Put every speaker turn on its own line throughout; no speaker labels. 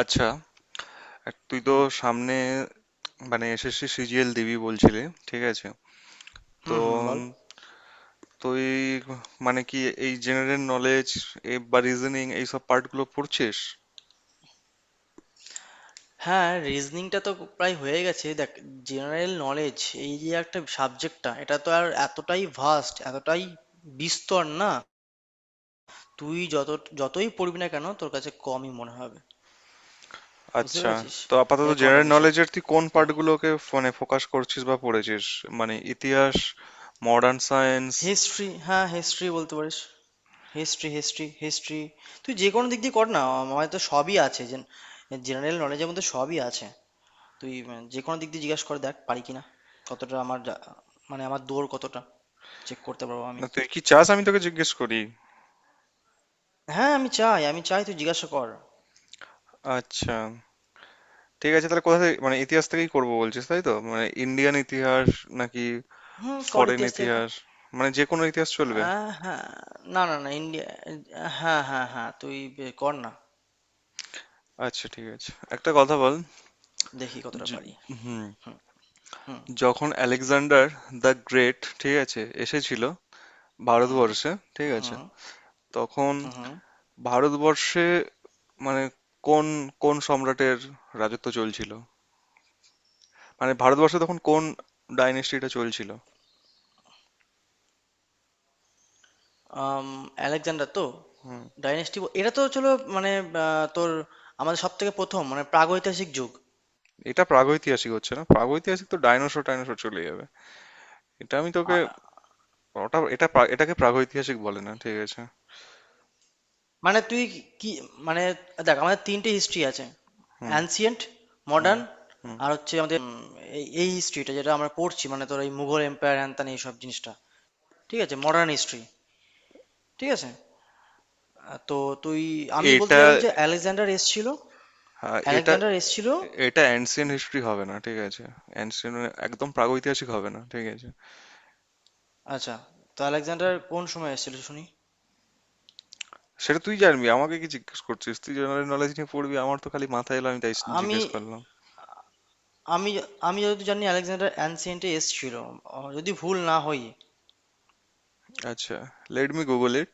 আচ্ছা, তুই তো
হুম
সামনে মানে SSC CGL দিবি বলছিলি, ঠিক আছে? তো
হুম হুম
উম,
বল।
তুই মানে কি এই জেনারেল নলেজ বা রিজনিং এই সব পার্টগুলো পড়ছিস?
হ্যাঁ, রিজনিংটা তো প্রায় হয়ে গেছে দেখ। জেনারেল নলেজ, এই যে একটা সাবজেক্টটা, এটা তো আর এতটাই ভাস্ট, এতটাই বিস্তর না, তুই যতই পড়বি না কেন তোর কাছে কমই মনে হবে, বুঝতে
আচ্ছা,
পেরেছিস?
তো আপাতত
এরকম একটা
জেনারেল
বিষয়,
নলেজের তুই কোন
তো
পার্টগুলোকে ফোনে ফোকাস করছিস বা পড়েছিস? মানে ইতিহাস, মডার্ন সায়েন্স?
হিস্ট্রি, হ্যাঁ হিস্ট্রি বলতে পারিস। হিস্ট্রি হিস্ট্রি হিস্ট্রি তুই যে কোনো দিক দিয়ে কর না, আমার তো সবই আছে। জেনারেল নলেজের মধ্যে সবই আছে। তুই যে কোনো দিক দিয়ে জিজ্ঞাসা করে দেখ পারি কিনা, কতটা আমার মানে আমার দৌড় কতটা চেক করতে পারবো আমি।
না, তুই কি চাস আমি তোকে জিজ্ঞেস করি?
হ্যাঁ আমি চাই, তুই জিজ্ঞাসা কর।
আচ্ছা, ঠিক আছে। তাহলে কোথা থেকে, মানে ইতিহাস থেকেই করবো বলছিস তাই তো? মানে ইন্ডিয়ান ইতিহাস নাকি
হুম, কর,
ফরেন
ইতিহাস থেকে কর।
ইতিহাস, মানে যে কোনো ইতিহাস চলবে?
হ্যাঁ, না না না ইন্ডিয়া, হ্যাঁ হ্যাঁ হ্যাঁ, তুই কর না।
আচ্ছা, ঠিক আছে, একটা কথা বল।
দেখি কতটা পারি।
য- হুম,
হুম
যখন আলেকজান্ডার দ্য গ্রেট, ঠিক আছে, এসেছিল
হুম
ভারতবর্ষে, ঠিক আছে,
হুম
তখন
হুম হুম।
ভারতবর্ষে মানে কোন কোন সম্রাটের রাজত্ব চলছিল? মানে ভারতবর্ষে তখন কোন ডাইনেস্টিটা চলছিল?
আম, আলেকজান্ডার তো
হুম,
ডাইনেস্টি, এটা তো চলো মানে তোর আমাদের সব থেকে প্রথম মানে প্রাগৈতিহাসিক যুগ।
এটা প্রাগৈতিহাসিক হচ্ছে না, প্রাগৈতিহাসিক তো ডাইনোসর টাইনোসর চলে যাবে। এটা আমি তোকে
আ-
ওটা এটা এটাকে প্রাগৈতিহাসিক বলে না, ঠিক আছে?
মানে তুই কি মানে, দেখ আমাদের তিনটে হিস্ট্রি আছে —
হুম,
অ্যানসিয়েন্ট,
হুম,
মডার্ন,
হুম।
আর হচ্ছে আমাদের এই এই হিস্ট্রিটা যেটা আমরা পড়ছি মানে তোর এই মুঘল এম্পায়ার হ্যান ত্যান এইসব জিনিসটা, ঠিক আছে, মডার্ন হিস্ট্রি, ঠিক আছে। তো তুই, আমি বলতে
এটা,
চাইলাম যে আলেকজান্ডার এসছিল,
হ্যাঁ, এটা
আলেকজান্ডার এসছিল।
এটা অ্যান্সিয়েন্ট হিস্ট্রি হবে না, ঠিক আছে? অ্যান্সিয়েন্ট, একদম প্রাগৈতিহাসিক হবে না, ঠিক আছে।
আচ্ছা, তো আলেকজান্ডার কোন সময় এসেছিল শুনি?
সেটা তুই জানবি, আমাকে কি জিজ্ঞেস করছিস? তুই জেনারেল নলেজ নিয়ে পড়বি, আমার তো খালি মাথায় এলো, আমি তাই
আমি
জিজ্ঞেস করলাম।
আমি আমি যদি জানি আলেকজান্ডার অ্যানসিয়েন্টে এসছিল, যদি ভুল না হই।
আচ্ছা, let me Google it.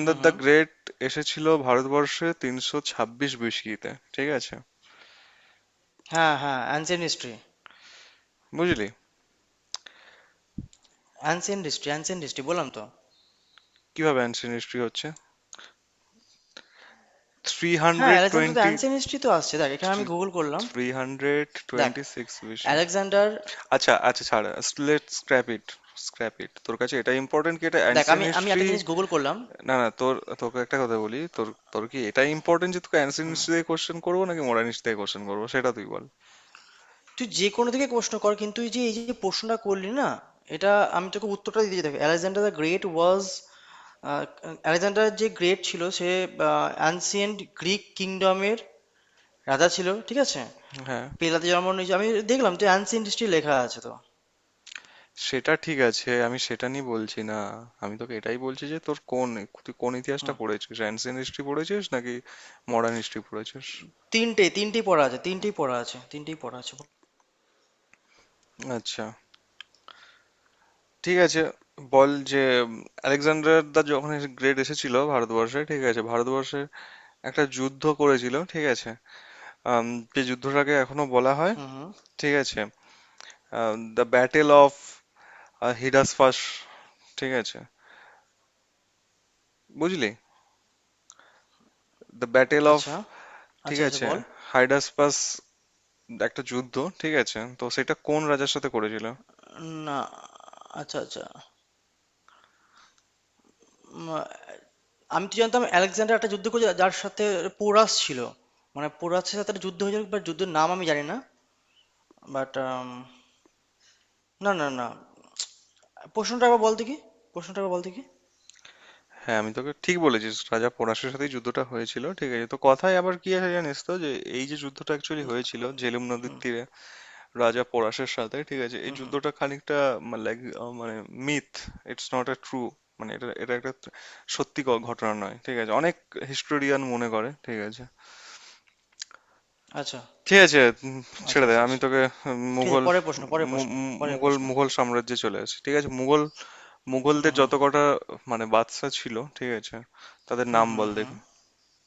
Hmm
the
hmm.
Great এসেছিল ভারতবর্ষে 326 বিসিতে, ঠিক আছে?
হ্যাঁ হ্যাঁ অ্যানসিয়েন্ট হিস্ট্রি,
বুঝলি?
অ্যানসিয়েন্ট হিস্ট্রি অ্যানসিয়েন্ট হিস্ট্রি বললাম তো।
কিভাবে অ্যান্সিয়েন্ট হিস্ট্রি হচ্ছে? থ্রি
হ্যাঁ,
hundred
Alexander the
twenty
ancient history তো আসছে, দেখ এখানে আমি গুগল করলাম।
থ্রি হান্ড্রেড
দেখ
টোয়েন্টি সিক্স বিসি
আলেকজান্ডার,
আচ্ছা, আচ্ছা, ছাড়, let scrap it, scrap it. তোর কাছে এটা ইম্পর্টেন্ট কি এটা
দেখ আমি
অ্যান্সিয়েন্ট
আমি
হিস্ট্রি?
একটা জিনিস গুগল করলাম।
না, না, তোকে একটা কথা বলি। তোর তোর কি এটা ইম্পর্টেন্ট যে তোকে অ্যানসিয়েন্ট দিয়ে কোশ্চেন করবো নাকি মডার্ন হিস্ট্রি দিয়ে কোশ্চেন করবো, সেটা তুই বল।
তুই যে কোনো থেকে প্রশ্ন কর, কিন্তু এই যে প্রশ্নটা করলি না, এটা আমি তোকে উত্তরটা দিতে, দেখ Alexander the great was, Alexander যে গ্রেট ছিল সে অ্যানসিয়েন্ট গ্রিক কিংডমের রাজা ছিল, ঠিক আছে।
হ্যাঁ,
পেলাতে জন্ম নিয়েছে, আমি দেখলাম তো অ্যানসিয়েন্ট হিস্ট্রি লেখা আছে তো।
সেটা ঠিক আছে, আমি সেটা নিয়ে বলছি না। আমি তোকে এটাই বলছি যে তোর কোন তুই কোন ইতিহাসটা
হুম।
পড়েছিস, অ্যানসিয়েন্ট হিস্ট্রি পড়েছিস নাকি মডার্ন হিস্ট্রি পড়েছিস?
তিনটে, তিনটেই পড়া আছে, তিনটেই পড়া আছে, তিনটেই পড়া আছে।
আচ্ছা, ঠিক আছে, বল যে আলেকজান্ডার দা যখন গ্রেট এসেছিল ভারতবর্ষে, ঠিক আছে, ভারতবর্ষে একটা যুদ্ধ করেছিল, ঠিক আছে। আম, যে যুদ্ধটাকে এখনো বলা হয়,
হুম হুম।
ঠিক আছে, দ্য ব্যাটেল অফ হিডাসপাস, ঠিক আছে, বুঝলি? দ্য ব্যাটেল অফ,
আচ্ছা
ঠিক
আচ্ছা আচ্ছা
আছে,
বল
হাইডাসপাস, একটা যুদ্ধ, ঠিক আছে। তো সেটা কোন রাজার সাথে করেছিল?
না। আচ্ছা আচ্ছা। উম, আমি তো জানতাম আলেকজান্ডার একটা যুদ্ধ করেছে যার সাথে পোরাস ছিল, মানে পোরাসের সাথে একটা যুদ্ধ হয়েছিল, বাট যুদ্ধের নাম আমি জানি না। বাট, না না না, প্রশ্নটা আবার বলতে কি, প্রশ্নটা আবার বলতে কি?
হ্যাঁ, আমি তোকে ঠিক বলেছিস, রাজা পোরাসের সাথেই যুদ্ধটা হয়েছিল, ঠিক আছে। তো কথায় আবার কি আছে জানিস তো যে এই যে যুদ্ধটা অ্যাকচুয়ালি হয়েছিল ঝেলুম নদীর তীরে রাজা পোরাসের সাথে, ঠিক আছে। এই যুদ্ধটা খানিকটা লাইক মানে myth, it's not a true, মানে এটা এটা একটা সত্যি ঘটনা নয়, ঠিক আছে, অনেক হিস্টোরিয়ান মনে করে, ঠিক আছে,
আচ্ছা
ঠিক আছে। উম,
আচ্ছা,
ছেড়ে দে,
আচ্ছা
আমি
আচ্ছা
তোকে
ঠিক আছে,
মুঘল,
পরের প্রশ্ন, পরের প্রশ্ন,
মু- মু-
পরের
মুঘল
প্রশ্ন।
মুঘল সাম্রাজ্যে চলে আসি, ঠিক আছে।
হুম
মুঘলদের
হুম
যত কটা মানে বাদশা ছিল, ঠিক আছে, তাদের
হুম
নাম
হুম
বল
হুম।
দেখে।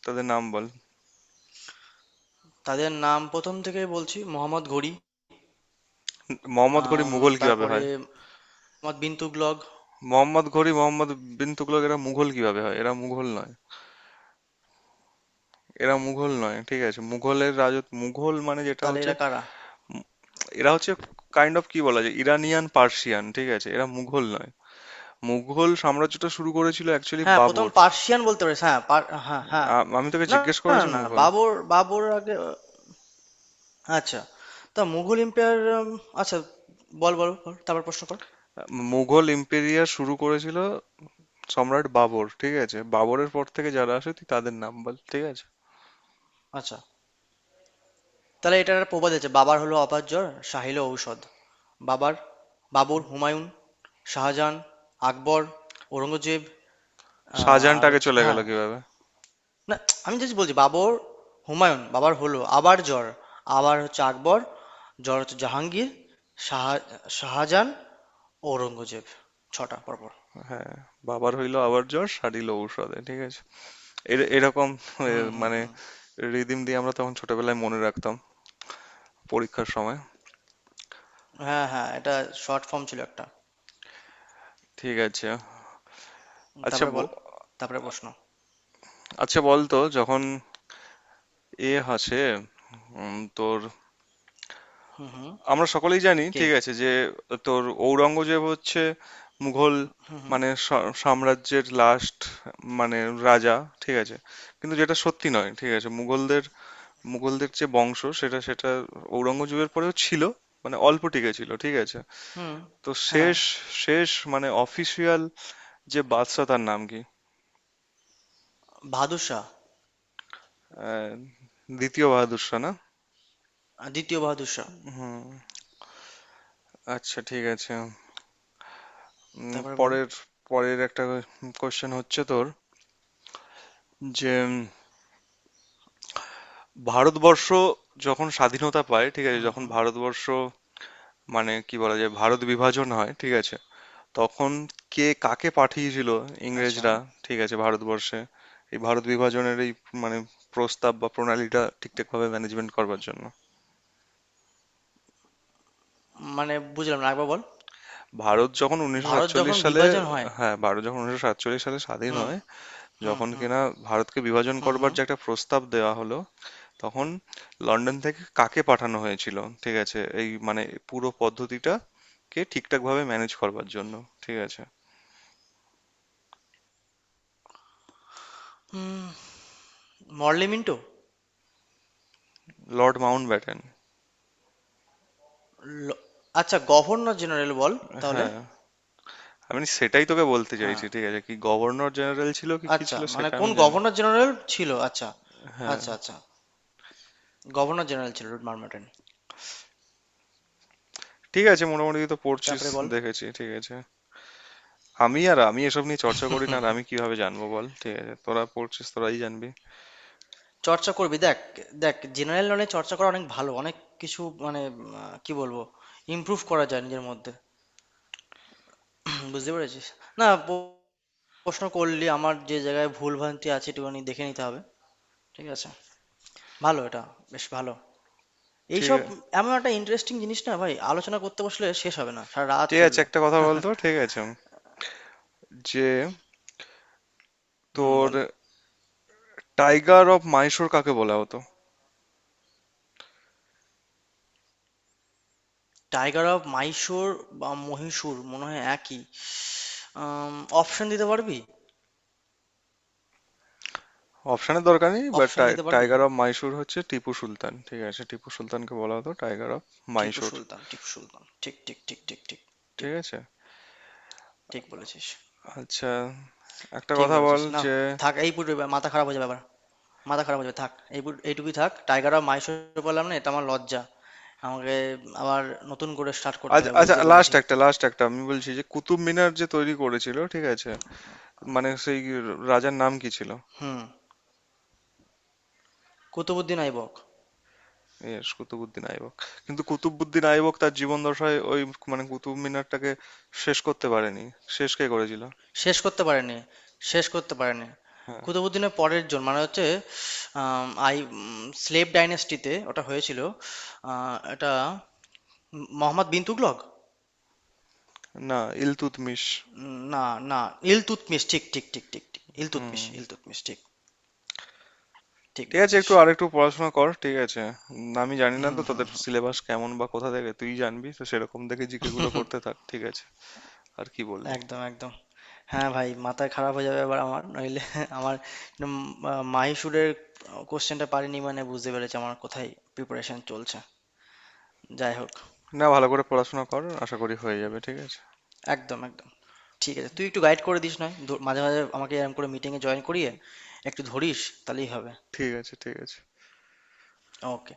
তাদের নাম বল।
তাদের নাম প্রথম থেকে বলছি — মোহাম্মদ ঘুরি,
মোহাম্মদ ঘুরি
আম,
মুঘল কিভাবে
তারপরে
হয়?
মোহাম্মদ বিন তুগলক।
মোহাম্মদ ঘুরি, মোহাম্মদ বিন তুগলক এরা মুঘল কিভাবে হয়? এরা মুঘল নয়, এরা মুঘল নয়, ঠিক আছে। মুঘলের রাজত্ব, মুঘল মানে যেটা
তাহলে
হচ্ছে,
এরা কারা?
এরা হচ্ছে কাইন্ড অফ কি বলা যায় ইরানিয়ান পার্সিয়ান, ঠিক আছে, এরা মুঘল নয়। মুঘল সাম্রাজ্যটা শুরু করেছিল অ্যাকচুয়ালি
হ্যাঁ, ১ম
বাবর।
পার্সিয়ান বলতে পারিস। হ্যাঁ, পার, হ্যাঁ হ্যাঁ।
আমি তোকে
না,
জিজ্ঞেস
না, না,
করেছি
না,
মুঘল।
বাবর, বাবর আগে। আচ্ছা। তো মুঘল এম্পায়ার, আচ্ছা, বল বল বল, তারপর প্রশ্ন কর।
মুঘল এম্পেরিয়ার শুরু করেছিল সম্রাট বাবর, ঠিক আছে, বাবরের পর থেকে যারা আসে তুই তাদের নাম বল, ঠিক আছে।
আচ্ছা। তাহলে এটার একটা প্রবাদ আছে — বাবার হলো অপার জ্বর, শাহ হলো ঔষধ। বাবার, বাবর, হুমায়ুন, শাহজাহান, আকবর, ঔরঙ্গজেব। আ আর
শাহজাহানটাকে
হচ্ছে,
চলে গেল
হ্যাঁ।
কিভাবে?
না, আমি জাস্ট বলছি বাবর, হুমায়ুন, বাবার হলো আবার জ্বর, আবার হচ্ছে আকবর, জ্বর হচ্ছে জাহাঙ্গীর, শাহ, শাহজাহান, ঔরঙ্গজেব। ৬টা পরপর।
হ্যাঁ, বাবার হইলো আবার জ্বর সারিল ঔষধে, ঠিক আছে, এরকম এ,
হুম হুম
মানে
হুম।
রিদিম দিয়ে আমরা তখন ছোটবেলায় মনে রাখতাম, পরীক্ষার সময়,
হ্যাঁ হ্যাঁ, এটা শর্ট ফর্ম ছিল একটা।
ঠিক আছে।
হুম,
আচ্ছা,
তারপরে বল। তারপরে প্রশ্ন।
আচ্ছা বলতো যখন এ আসে তোর,
হুম হুম।
আমরা সকলেই জানি,
কে?
ঠিক আছে, যে তোর ঔরঙ্গজেব হচ্ছে মুঘল
হুম হুম।
মানে সাম্রাজ্যের লাস্ট মানে রাজা, ঠিক আছে। কিন্তু যেটা সত্যি নয়, ঠিক আছে, মুঘলদের মুঘলদের যে বংশ সেটা সেটা ঔরঙ্গজেবের পরেও ছিল, মানে অল্প টিকে ছিল, ঠিক আছে।
হুম।
তো
হ্যাঁ,
শেষ শেষ মানে অফিসিয়াল যে বাদশা তার নাম কি?
বাহাদুর শাহ।
আহ, দ্বিতীয় বাহাদুর শাহ না?
২য় বাহাদুর শাহ।
হুম, আচ্ছা, ঠিক আছে।
তারপরে বল।
পরের পরের একটা কোশ্চেন হচ্ছে তোর যে ভারতবর্ষ যখন স্বাধীনতা পায়, ঠিক আছে?
হুম
যখন
হুম।
ভারতবর্ষ মানে কি বলা যায় ভারত বিভাজন হয়, ঠিক আছে? তখন কে কাকে পাঠিয়েছিল
আচ্ছা।
ইংরেজরা, ঠিক আছে, ভারতবর্ষে? এই ভারত বিভাজনের এই মানে প্রস্তাব বা প্রণালীটা ঠিকঠাকভাবে ম্যানেজমেন্ট করবার জন্য।
মানে বুঝলাম না, আরেকবার বল।
ভারত যখন উনিশশো
ভারত
সাতচল্লিশ
যখন
সালে
বিভাজন হয়।
হ্যাঁ, ভারত যখন 1947 সালে স্বাধীন
হুম
হয়,
হুম
যখন
হুম
কিনা ভারতকে বিভাজন
হুম
করবার
হুম।
যে একটা প্রস্তাব দেওয়া হলো, তখন লন্ডন থেকে কাকে পাঠানো হয়েছিল, ঠিক আছে, এই মানে পুরো পদ্ধতিটা কে ঠিকঠাকভাবে ম্যানেজ করবার জন্য, ঠিক আছে?
হুম, মরলি মিন্টো?
Lord Mountbatten.
ল, আচ্ছা, গভর্নর জেনারেল বল তাহলে।
হ্যাঁ, আমি সেটাই তোকে বলতে চাইছি,
হ্যাঁ।
ঠিক আছে, কি গভর্নর জেনারেল ছিল কি কি
আচ্ছা,
ছিল
মানে
সেটা আমি
কোন
জানি।
গভর্নর জেনারেল ছিল? আচ্ছা,
হ্যাঁ,
আচ্ছা আচ্ছা। গভর্নর জেনারেল ছিল লর্ড মারমোন্ট।
ঠিক আছে, মোটামুটি তো পড়ছিস
তারপরে বল।
দেখেছি, ঠিক আছে। আর আমি এসব নিয়ে চর্চা করি না, আর আমি কিভাবে জানবো বল, ঠিক আছে? তোরা পড়ছিস, তোরাই জানবি।
চর্চা করবি দেখ, দেখ জেনারেল নলেজ চর্চা করা অনেক ভালো, অনেক কিছু মানে, কি বলবো, ইমপ্রুভ করা যায় নিজের মধ্যে। হুম, বুঝতে পেরেছিস? না প- প্রশ্ন করলি আমার যে জায়গায় ভুল ভ্রান্তি আছে একটুখানি দেখে নিতে হবে, ঠিক আছে। ভালো এটা, বেশ ভালো।
ঠিক
এইসব
আছে,
এমন একটা ইন্টারেস্টিং জিনিস না ভাই, আলোচনা করতে বসলে শেষ হবে না, সারা রাত
ঠিক আছে,
চলবে।
একটা কথা বলতো, ঠিক আছে, যে
হুম
তোর
বল।
টাইগার অফ মাইশোর কাকে বলা হতো?
টাইগার অফ মাইশোর বা মহীশূর মনে হয় একই। অপশন দিতে পারবি?
অপশনের দরকার নেই, বাট
অপশন দিতে পারবি?
টাইগার অফ মাইসুর হচ্ছে টিপু সুলতান, ঠিক আছে। টিপু সুলতানকে বলা হতো টাইগার অফ
টিপু
মাইসুর,
সুলতান, টিপু সুলতান, ঠিক ঠিক ঠিক ঠিক ঠিক
ঠিক
ঠিক।
আছে।
ঠিক বলেছিস।
আচ্ছা, একটা
ঠিক
কথা বল
বলেছিস না?
যে,
থাক এই পুরো, এবার মাথা খারাপ হয়ে যাবে আবার, মাথা খারাপ হয়ে যাবে। থাক এই এইটুকুই থাক, টাইগার আর মাইশোর বললাম না, এটা আমার লজ্জা। আমাকে আবার নতুন করে স্টার্ট করতে হবে
আচ্ছা,
বুঝতে পেরেছি।
লাস্ট একটা আমি বলছি যে কুতুব মিনার যে তৈরি করেছিল, ঠিক আছে, মানে সেই রাজার নাম কি ছিল?
হুম। কুতুবুদ্দিন আইবক।
এ, কুতুবউদ্দিন আইবক, কিন্তু কুতুবউদ্দিন আইবক তার জীবন দশায় ওই মানে কুতুব মিনারটাকে শেষ করতে পারেনি। শেষ কে করেছিল?
শেষ করতে পারেনি, শেষ করতে পারেনি।
হ্যাঁ,
কুতুবুদ্দিনের পরের জন মানে হচ্ছে, আম, আই স্লেভ ডাইনেস্টিতে ওটা হয়েছিল, এটা মোহাম্মদ বিন তুগলক।
না, ইলতুৎমিশ।
না, না ইলতুৎমিশ, ঠিক ঠিক ঠিক ঠিক ঠিক,
হুম,
ইলতুৎমিশ ইলতুৎমিশ, ঠিক, ঠিক
ঠিক আছে,
বলেছিস।
একটু আর একটু পড়াশোনা কর, ঠিক আছে। আমি জানি না তো
হুম হুম
তাদের
হুম।
সিলেবাস কেমন বা কোথা থেকে, তুই জানবি তো সেরকম দেখে GK গুলো
হুম,
করতে থাক, ঠিক আছে। আর কি বলবো,
একদম একদম। হ্যাঁ ভাই, মাথা খারাপ হয়ে যাবে এবার আমার, নইলে আমার উম, মাহিসুরের কোশ্চেনটা পারিনি, মানে বুঝতে পেরেছি আমার কোথায় প্রিপারেশন চলছে। যাই হোক,
না, ভালো করে পড়াশোনা কর, আশা করি হয়ে যাবে, ঠিক আছে,
একদম একদম, ঠিক আছে। তুই একটু গাইড করে দিস, নয় মাঝে মাঝে আমাকে এরকম করে মিটিংয়ে জয়েন করিয়ে একটু ধরিস, তাহলেই হবে।
ঠিক আছে, ঠিক আছে।
ওকে।